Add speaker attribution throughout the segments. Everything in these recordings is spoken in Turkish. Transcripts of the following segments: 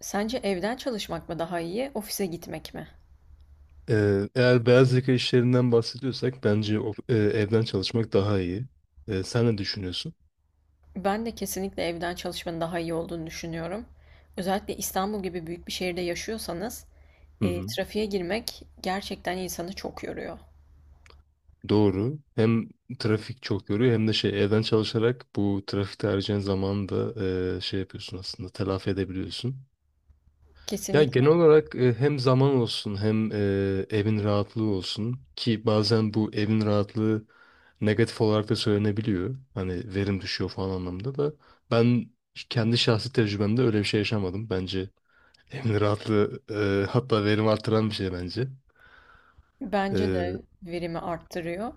Speaker 1: Sence evden çalışmak mı daha iyi, ofise gitmek mi?
Speaker 2: Eğer beyaz yaka işlerinden bahsediyorsak bence evden çalışmak daha iyi. Sen ne düşünüyorsun?
Speaker 1: Ben de kesinlikle evden çalışmanın daha iyi olduğunu düşünüyorum. Özellikle İstanbul gibi büyük bir şehirde yaşıyorsanız,
Speaker 2: Hı hı.
Speaker 1: trafiğe girmek gerçekten insanı çok yoruyor.
Speaker 2: Doğru. Hem trafik çok yoruyor hem de şey evden çalışarak bu trafikte harcayan zamanı da şey yapıyorsun, aslında telafi edebiliyorsun. Ya genel
Speaker 1: Kesinlikle.
Speaker 2: olarak hem zaman olsun hem evin rahatlığı olsun, ki bazen bu evin rahatlığı negatif olarak da söylenebiliyor. Hani verim düşüyor falan anlamında da ben kendi şahsi tecrübemde öyle bir şey yaşamadım. Bence yani rahatlığı hatta verim artıran bir şey bence.
Speaker 1: Bence
Speaker 2: E,
Speaker 1: de verimi arttırıyor.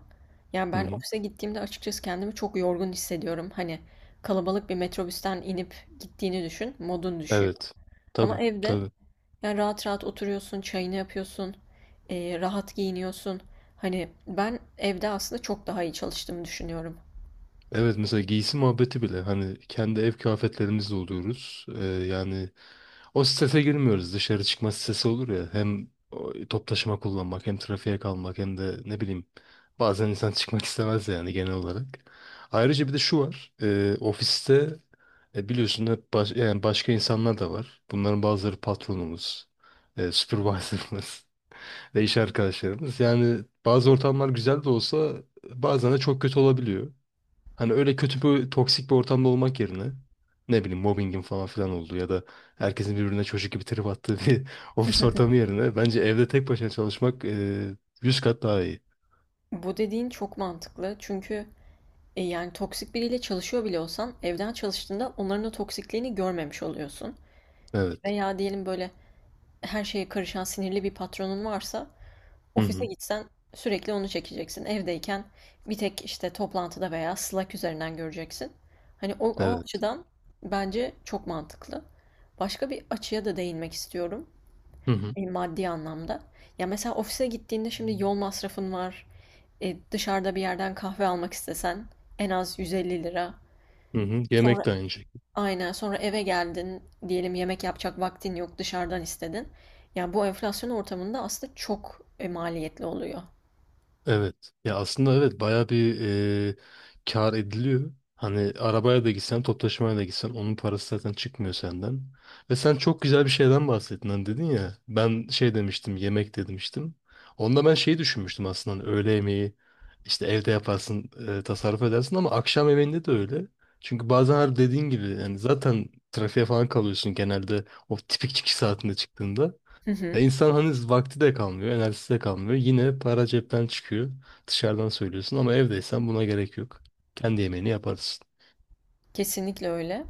Speaker 1: Yani
Speaker 2: hı
Speaker 1: ben
Speaker 2: hı.
Speaker 1: ofise gittiğimde açıkçası kendimi çok yorgun hissediyorum. Hani kalabalık bir metrobüsten inip gittiğini düşün, modun düşüyor.
Speaker 2: Evet. Tabii
Speaker 1: Ama evde,
Speaker 2: tabii.
Speaker 1: yani rahat rahat oturuyorsun, çayını yapıyorsun, rahat giyiniyorsun. Hani ben evde aslında çok daha iyi çalıştığımı düşünüyorum.
Speaker 2: Evet, mesela giysi muhabbeti bile hani kendi ev kıyafetlerimizle oluyoruz. Yani o strese girmiyoruz. Dışarı çıkma stresi olur ya. Hem o top taşıma kullanmak hem trafiğe kalmak hem de ne bileyim bazen insan çıkmak istemez yani genel olarak. Ayrıca bir de şu var. Ofiste biliyorsun hep yani başka insanlar da var. Bunların bazıları patronumuz, supervisor'ımız ve iş arkadaşlarımız. Yani bazı ortamlar güzel de olsa bazen de çok kötü olabiliyor. Hani öyle kötü bir toksik bir ortamda olmak yerine, ne bileyim, mobbingin falan filan olduğu ya da herkesin birbirine çocuk gibi trip attığı bir ofis ortamı yerine bence evde tek başına çalışmak 100 kat daha iyi.
Speaker 1: Bu dediğin çok mantıklı, çünkü yani toksik biriyle çalışıyor bile olsan evden çalıştığında onların o toksikliğini görmemiş oluyorsun.
Speaker 2: Evet.
Speaker 1: Veya diyelim, böyle her şeye karışan sinirli bir patronun varsa
Speaker 2: Hı
Speaker 1: ofise
Speaker 2: hı.
Speaker 1: gitsen sürekli onu çekeceksin. Evdeyken bir tek işte toplantıda veya Slack üzerinden göreceksin. Hani o
Speaker 2: Evet.
Speaker 1: açıdan bence çok mantıklı. Başka bir açıya da değinmek istiyorum.
Speaker 2: Hı hı.
Speaker 1: Maddi anlamda. Ya mesela ofise gittiğinde şimdi yol masrafın var. Dışarıda bir yerden kahve almak istesen en az 150 lira.
Speaker 2: Hı hı.
Speaker 1: Sonra,
Speaker 2: Yemek de aynı şekilde.
Speaker 1: aynen, sonra eve geldin, diyelim yemek yapacak vaktin yok, dışarıdan istedin. Yani bu enflasyon ortamında aslında çok maliyetli oluyor.
Speaker 2: Evet. Ya aslında evet, bayağı bir e, kar ediliyor. Hani arabaya da gitsen, toplu taşımaya da gitsen onun parası zaten çıkmıyor senden. Ve sen çok güzel bir şeyden bahsettin, hani dedin ya. Ben şey demiştim, yemek de demiştim. Onda ben şeyi düşünmüştüm aslında, hani öğle yemeği işte evde yaparsın, tasarruf edersin, ama akşam yemeğinde de öyle. Çünkü bazen her dediğin gibi yani zaten trafiğe falan kalıyorsun genelde, o tipik çıkış saatinde çıktığında.
Speaker 1: Hı hı.
Speaker 2: Ya insan hani vakti de kalmıyor, enerjisi de kalmıyor. Yine para cepten çıkıyor. Dışarıdan söylüyorsun ama evdeysen buna gerek yok. Kendi yemeğini yaparsın.
Speaker 1: Kesinlikle öyle.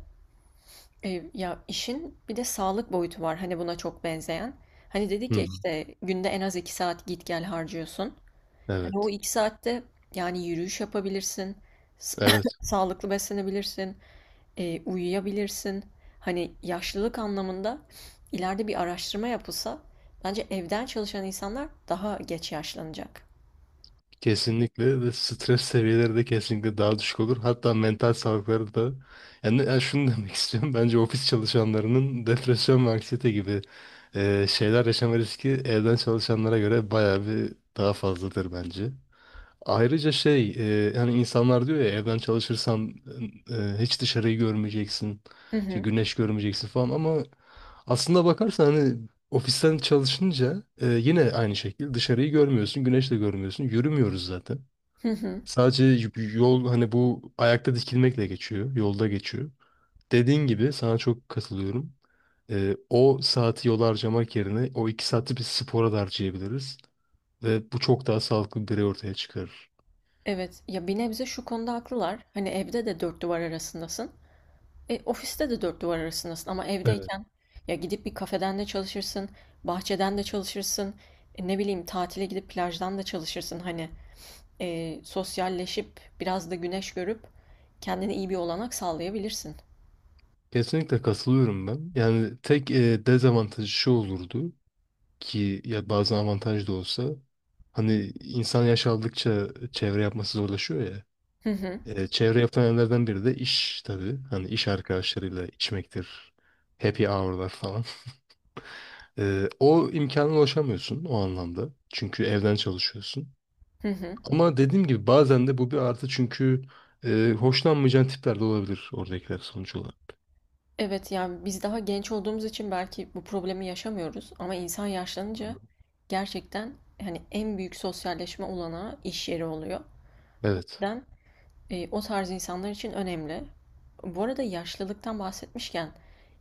Speaker 1: Ya, işin bir de sağlık boyutu var, hani, buna çok benzeyen. Hani,
Speaker 2: Hı
Speaker 1: dedik ya,
Speaker 2: hı.
Speaker 1: işte, günde en az 2 saat git gel harcıyorsun. Hani, o
Speaker 2: Evet.
Speaker 1: 2 saatte, yani, yürüyüş yapabilirsin, s
Speaker 2: Evet.
Speaker 1: sağlıklı beslenebilirsin, uyuyabilirsin. Hani, yaşlılık anlamında ileride bir araştırma yapılsa bence evden çalışan insanlar daha geç yaşlanacak.
Speaker 2: Kesinlikle ve stres seviyeleri de kesinlikle daha düşük olur. Hatta mental sağlıkları da yani şunu demek istiyorum. Bence ofis çalışanlarının depresyon ve anksiyete gibi şeyler yaşama riski evden çalışanlara göre bayağı bir daha fazladır bence. Ayrıca şey hani insanlar diyor ya, evden çalışırsan hiç dışarıyı görmeyeceksin,
Speaker 1: Hı
Speaker 2: işte
Speaker 1: hı.
Speaker 2: güneş görmeyeceksin falan. Ama aslında bakarsan hani ofisten çalışınca yine aynı şekilde dışarıyı görmüyorsun, güneş de görmüyorsun. Yürümüyoruz zaten.
Speaker 1: Hı hı.
Speaker 2: Sadece yol, hani bu ayakta dikilmekle geçiyor, yolda geçiyor. Dediğin gibi sana çok katılıyorum. O saati yola harcamak yerine o 2 saati bir spora da harcayabiliriz ve bu çok daha sağlıklı bir birey ortaya çıkarır.
Speaker 1: Evet. Ya, bir nebze şu konuda haklılar. Hani, evde de 4 duvar arasındasın. Ofiste de dört duvar arasındasın ama evdeyken ya gidip bir kafeden de çalışırsın, bahçeden de çalışırsın, ne bileyim tatile gidip plajdan da çalışırsın. Hani sosyalleşip biraz da güneş görüp kendine iyi bir olanak sağlayabilirsin.
Speaker 2: Kesinlikle katılıyorum ben. Yani tek dezavantajı şu olurdu ki, ya bazen avantaj da olsa, hani insan yaş aldıkça çevre yapması zorlaşıyor ya.
Speaker 1: Hı hı,
Speaker 2: Çevre yapan yerlerden biri de iş tabii. Hani iş arkadaşlarıyla içmektir. Happy hour'lar falan. O imkana ulaşamıyorsun o anlamda. Çünkü evden çalışıyorsun.
Speaker 1: hı hı.
Speaker 2: Ama dediğim gibi bazen de bu bir artı, çünkü hoşlanmayacağın tipler de olabilir oradakiler sonuç olarak.
Speaker 1: Evet, yani biz daha genç olduğumuz için belki bu problemi yaşamıyoruz ama insan yaşlanınca gerçekten hani en büyük sosyalleşme olanağı iş yeri oluyor. O
Speaker 2: Evet.
Speaker 1: yüzden O tarz insanlar için önemli. Bu arada yaşlılıktan bahsetmişken,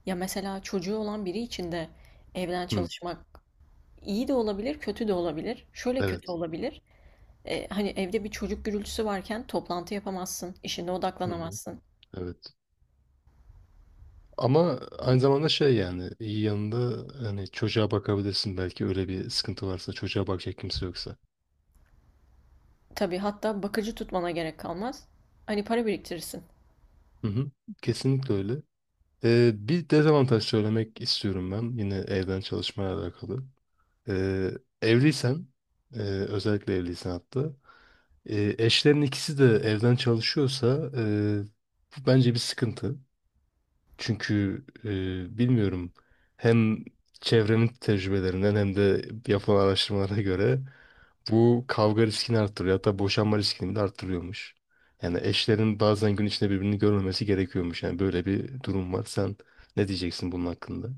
Speaker 1: ya mesela çocuğu olan biri için de evden
Speaker 2: Hı,
Speaker 1: çalışmak iyi de olabilir, kötü de olabilir. Şöyle kötü
Speaker 2: evet.
Speaker 1: olabilir. Hani evde bir çocuk gürültüsü varken toplantı yapamazsın, işine
Speaker 2: Hı.
Speaker 1: odaklanamazsın.
Speaker 2: Evet. Ama aynı zamanda şey, yani iyi yanında hani çocuğa bakabilirsin belki, öyle bir sıkıntı varsa, çocuğa bakacak kimse yoksa.
Speaker 1: Tabii, hatta bakıcı tutmana gerek kalmaz. Hani para biriktirirsin.
Speaker 2: Hı hı. Kesinlikle öyle. Bir dezavantaj söylemek istiyorum ben yine evden çalışmaya alakalı. Ee, Evliysen özellikle evliysen hatta, eşlerin ikisi de evden çalışıyorsa, bu bence bir sıkıntı. Çünkü bilmiyorum, hem çevremin tecrübelerinden hem de yapılan araştırmalara göre bu kavga riskini arttırıyor. Hatta boşanma riskini de arttırıyormuş. Yani eşlerin bazen gün içinde birbirini görmemesi gerekiyormuş. Yani böyle bir durum var. Sen ne diyeceksin bunun hakkında?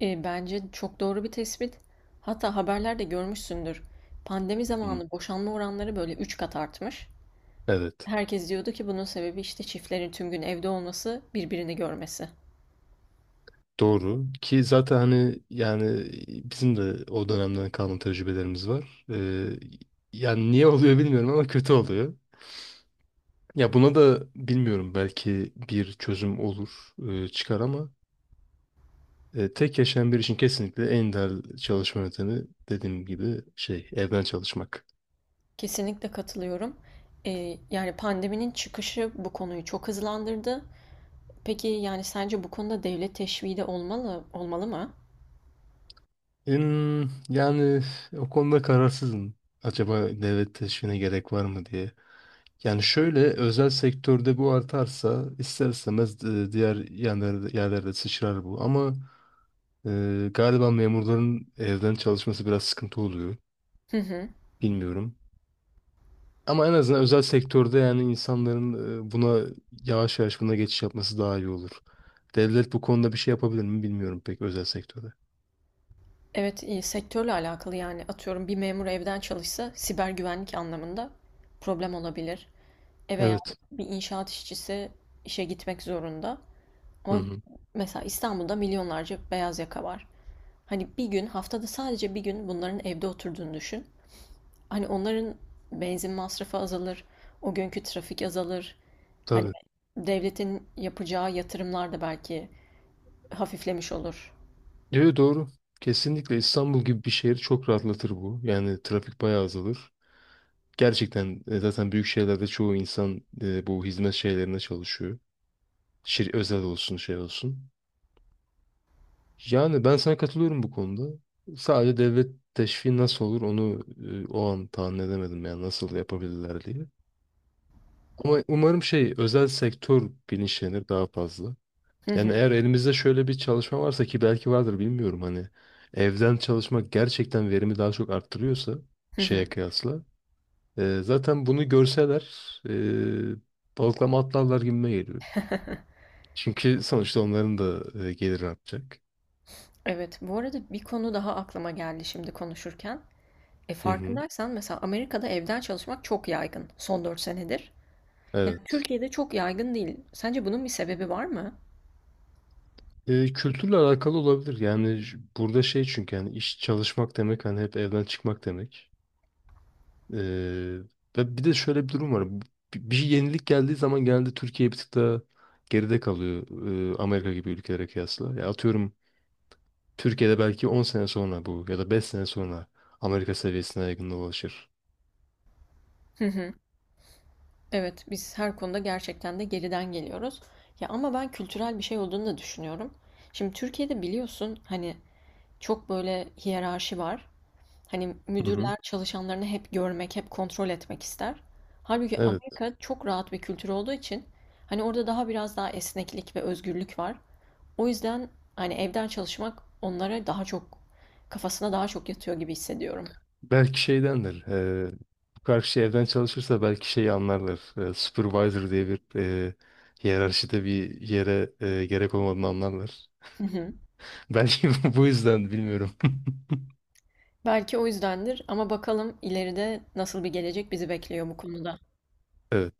Speaker 1: Bence çok doğru bir tespit. Hatta haberlerde görmüşsündür. Pandemi
Speaker 2: Hı.
Speaker 1: zamanı boşanma oranları böyle 3 kat artmış.
Speaker 2: Evet.
Speaker 1: Herkes diyordu ki bunun sebebi işte çiftlerin tüm gün evde olması, birbirini görmesi.
Speaker 2: Doğru. Ki zaten hani yani bizim de o dönemden kalan tecrübelerimiz var. Yani niye oluyor bilmiyorum ama kötü oluyor. Ya buna da bilmiyorum, belki bir çözüm olur, çıkar, ama tek yaşayan bir için kesinlikle en değerli çalışma yöntemi dediğim gibi şey evden çalışmak.
Speaker 1: Kesinlikle katılıyorum. Yani pandeminin çıkışı bu konuyu çok hızlandırdı. Peki, yani sence bu konuda devlet teşviği de olmalı, olmalı mı?
Speaker 2: Hmm, yani o konuda kararsızım. Acaba devlet teşvine gerek var mı diye. Yani şöyle, özel sektörde bu artarsa ister istemez diğer yerlerde sıçrar bu. Ama galiba memurların evden çalışması biraz sıkıntı oluyor.
Speaker 1: Hı hı.
Speaker 2: Bilmiyorum. Ama en azından özel sektörde yani insanların buna yavaş yavaş buna geçiş yapması daha iyi olur. Devlet bu konuda bir şey yapabilir mi bilmiyorum pek, özel sektörde.
Speaker 1: Evet, sektörle alakalı, yani atıyorum, bir memur evden çalışsa siber güvenlik anlamında problem olabilir. Veya
Speaker 2: Evet.
Speaker 1: bir inşaat işçisi işe gitmek zorunda.
Speaker 2: Hı
Speaker 1: Ama
Speaker 2: hı.
Speaker 1: mesela İstanbul'da milyonlarca beyaz yaka var. Hani bir gün, haftada sadece bir gün bunların evde oturduğunu düşün. Hani onların benzin masrafı azalır, o günkü trafik azalır. Hani
Speaker 2: Tabii.
Speaker 1: devletin yapacağı yatırımlar da belki hafiflemiş olur.
Speaker 2: Evet, doğru. Kesinlikle İstanbul gibi bir şehir çok rahatlatır bu. Yani trafik bayağı azalır. Gerçekten zaten büyük şehirlerde çoğu insan bu hizmet şeylerine çalışıyor. Şir özel olsun şey olsun. Yani ben sana katılıyorum bu konuda. Sadece devlet teşviki nasıl olur onu o an tahmin edemedim yani nasıl yapabilirler diye. Ama umarım şey özel sektör bilinçlenir daha fazla.
Speaker 1: Hı
Speaker 2: Yani
Speaker 1: hı.
Speaker 2: eğer elimizde şöyle bir çalışma varsa, ki belki vardır bilmiyorum, hani evden çalışmak gerçekten verimi daha çok arttırıyorsa
Speaker 1: Hı
Speaker 2: şeye
Speaker 1: hı.
Speaker 2: kıyasla, zaten bunu görseler e, balıklama atlarlar gibime geliyor. Çünkü sonuçta onların da geliri artacak.
Speaker 1: Evet, bu arada bir konu daha aklıma geldi şimdi konuşurken. E
Speaker 2: Hı hı.
Speaker 1: farkındaysan mesela Amerika'da evden çalışmak çok yaygın son 4 senedir. Yani
Speaker 2: Evet.
Speaker 1: Türkiye'de çok yaygın değil. Sence bunun bir sebebi var mı?
Speaker 2: Kültürle alakalı olabilir. Yani burada şey, çünkü yani iş çalışmak demek hani hep evden çıkmak demek. Ee, Ve bir de şöyle bir durum var. Bir yenilik geldiği zaman genelde Türkiye bir tık daha geride kalıyor Amerika gibi ülkelere kıyasla. Ya atıyorum Türkiye'de belki 10 sene sonra bu ya da 5 sene sonra Amerika seviyesine yakında ulaşır.
Speaker 1: Hı hı. Evet, biz her konuda gerçekten de geriden geliyoruz. Ya ama ben kültürel bir şey olduğunu da düşünüyorum. Şimdi Türkiye'de biliyorsun, hani çok böyle hiyerarşi var. Hani
Speaker 2: Hı hı.
Speaker 1: müdürler çalışanlarını hep görmek, hep kontrol etmek ister. Halbuki
Speaker 2: Evet.
Speaker 1: Amerika çok rahat bir kültür olduğu için hani orada daha, biraz daha esneklik ve özgürlük var. O yüzden hani evden çalışmak onlara daha çok, kafasına daha çok yatıyor gibi hissediyorum.
Speaker 2: Belki şeydendir. Bu karşı evden çalışırsa belki şeyi anlarlar. Supervisor diye bir hiyerarşide bir yere gerek olmadığını anlarlar.
Speaker 1: Hı hı.
Speaker 2: Belki bu yüzden bilmiyorum.
Speaker 1: Belki o yüzdendir ama bakalım ileride nasıl bir gelecek bizi bekliyor bu konuda.
Speaker 2: Evet.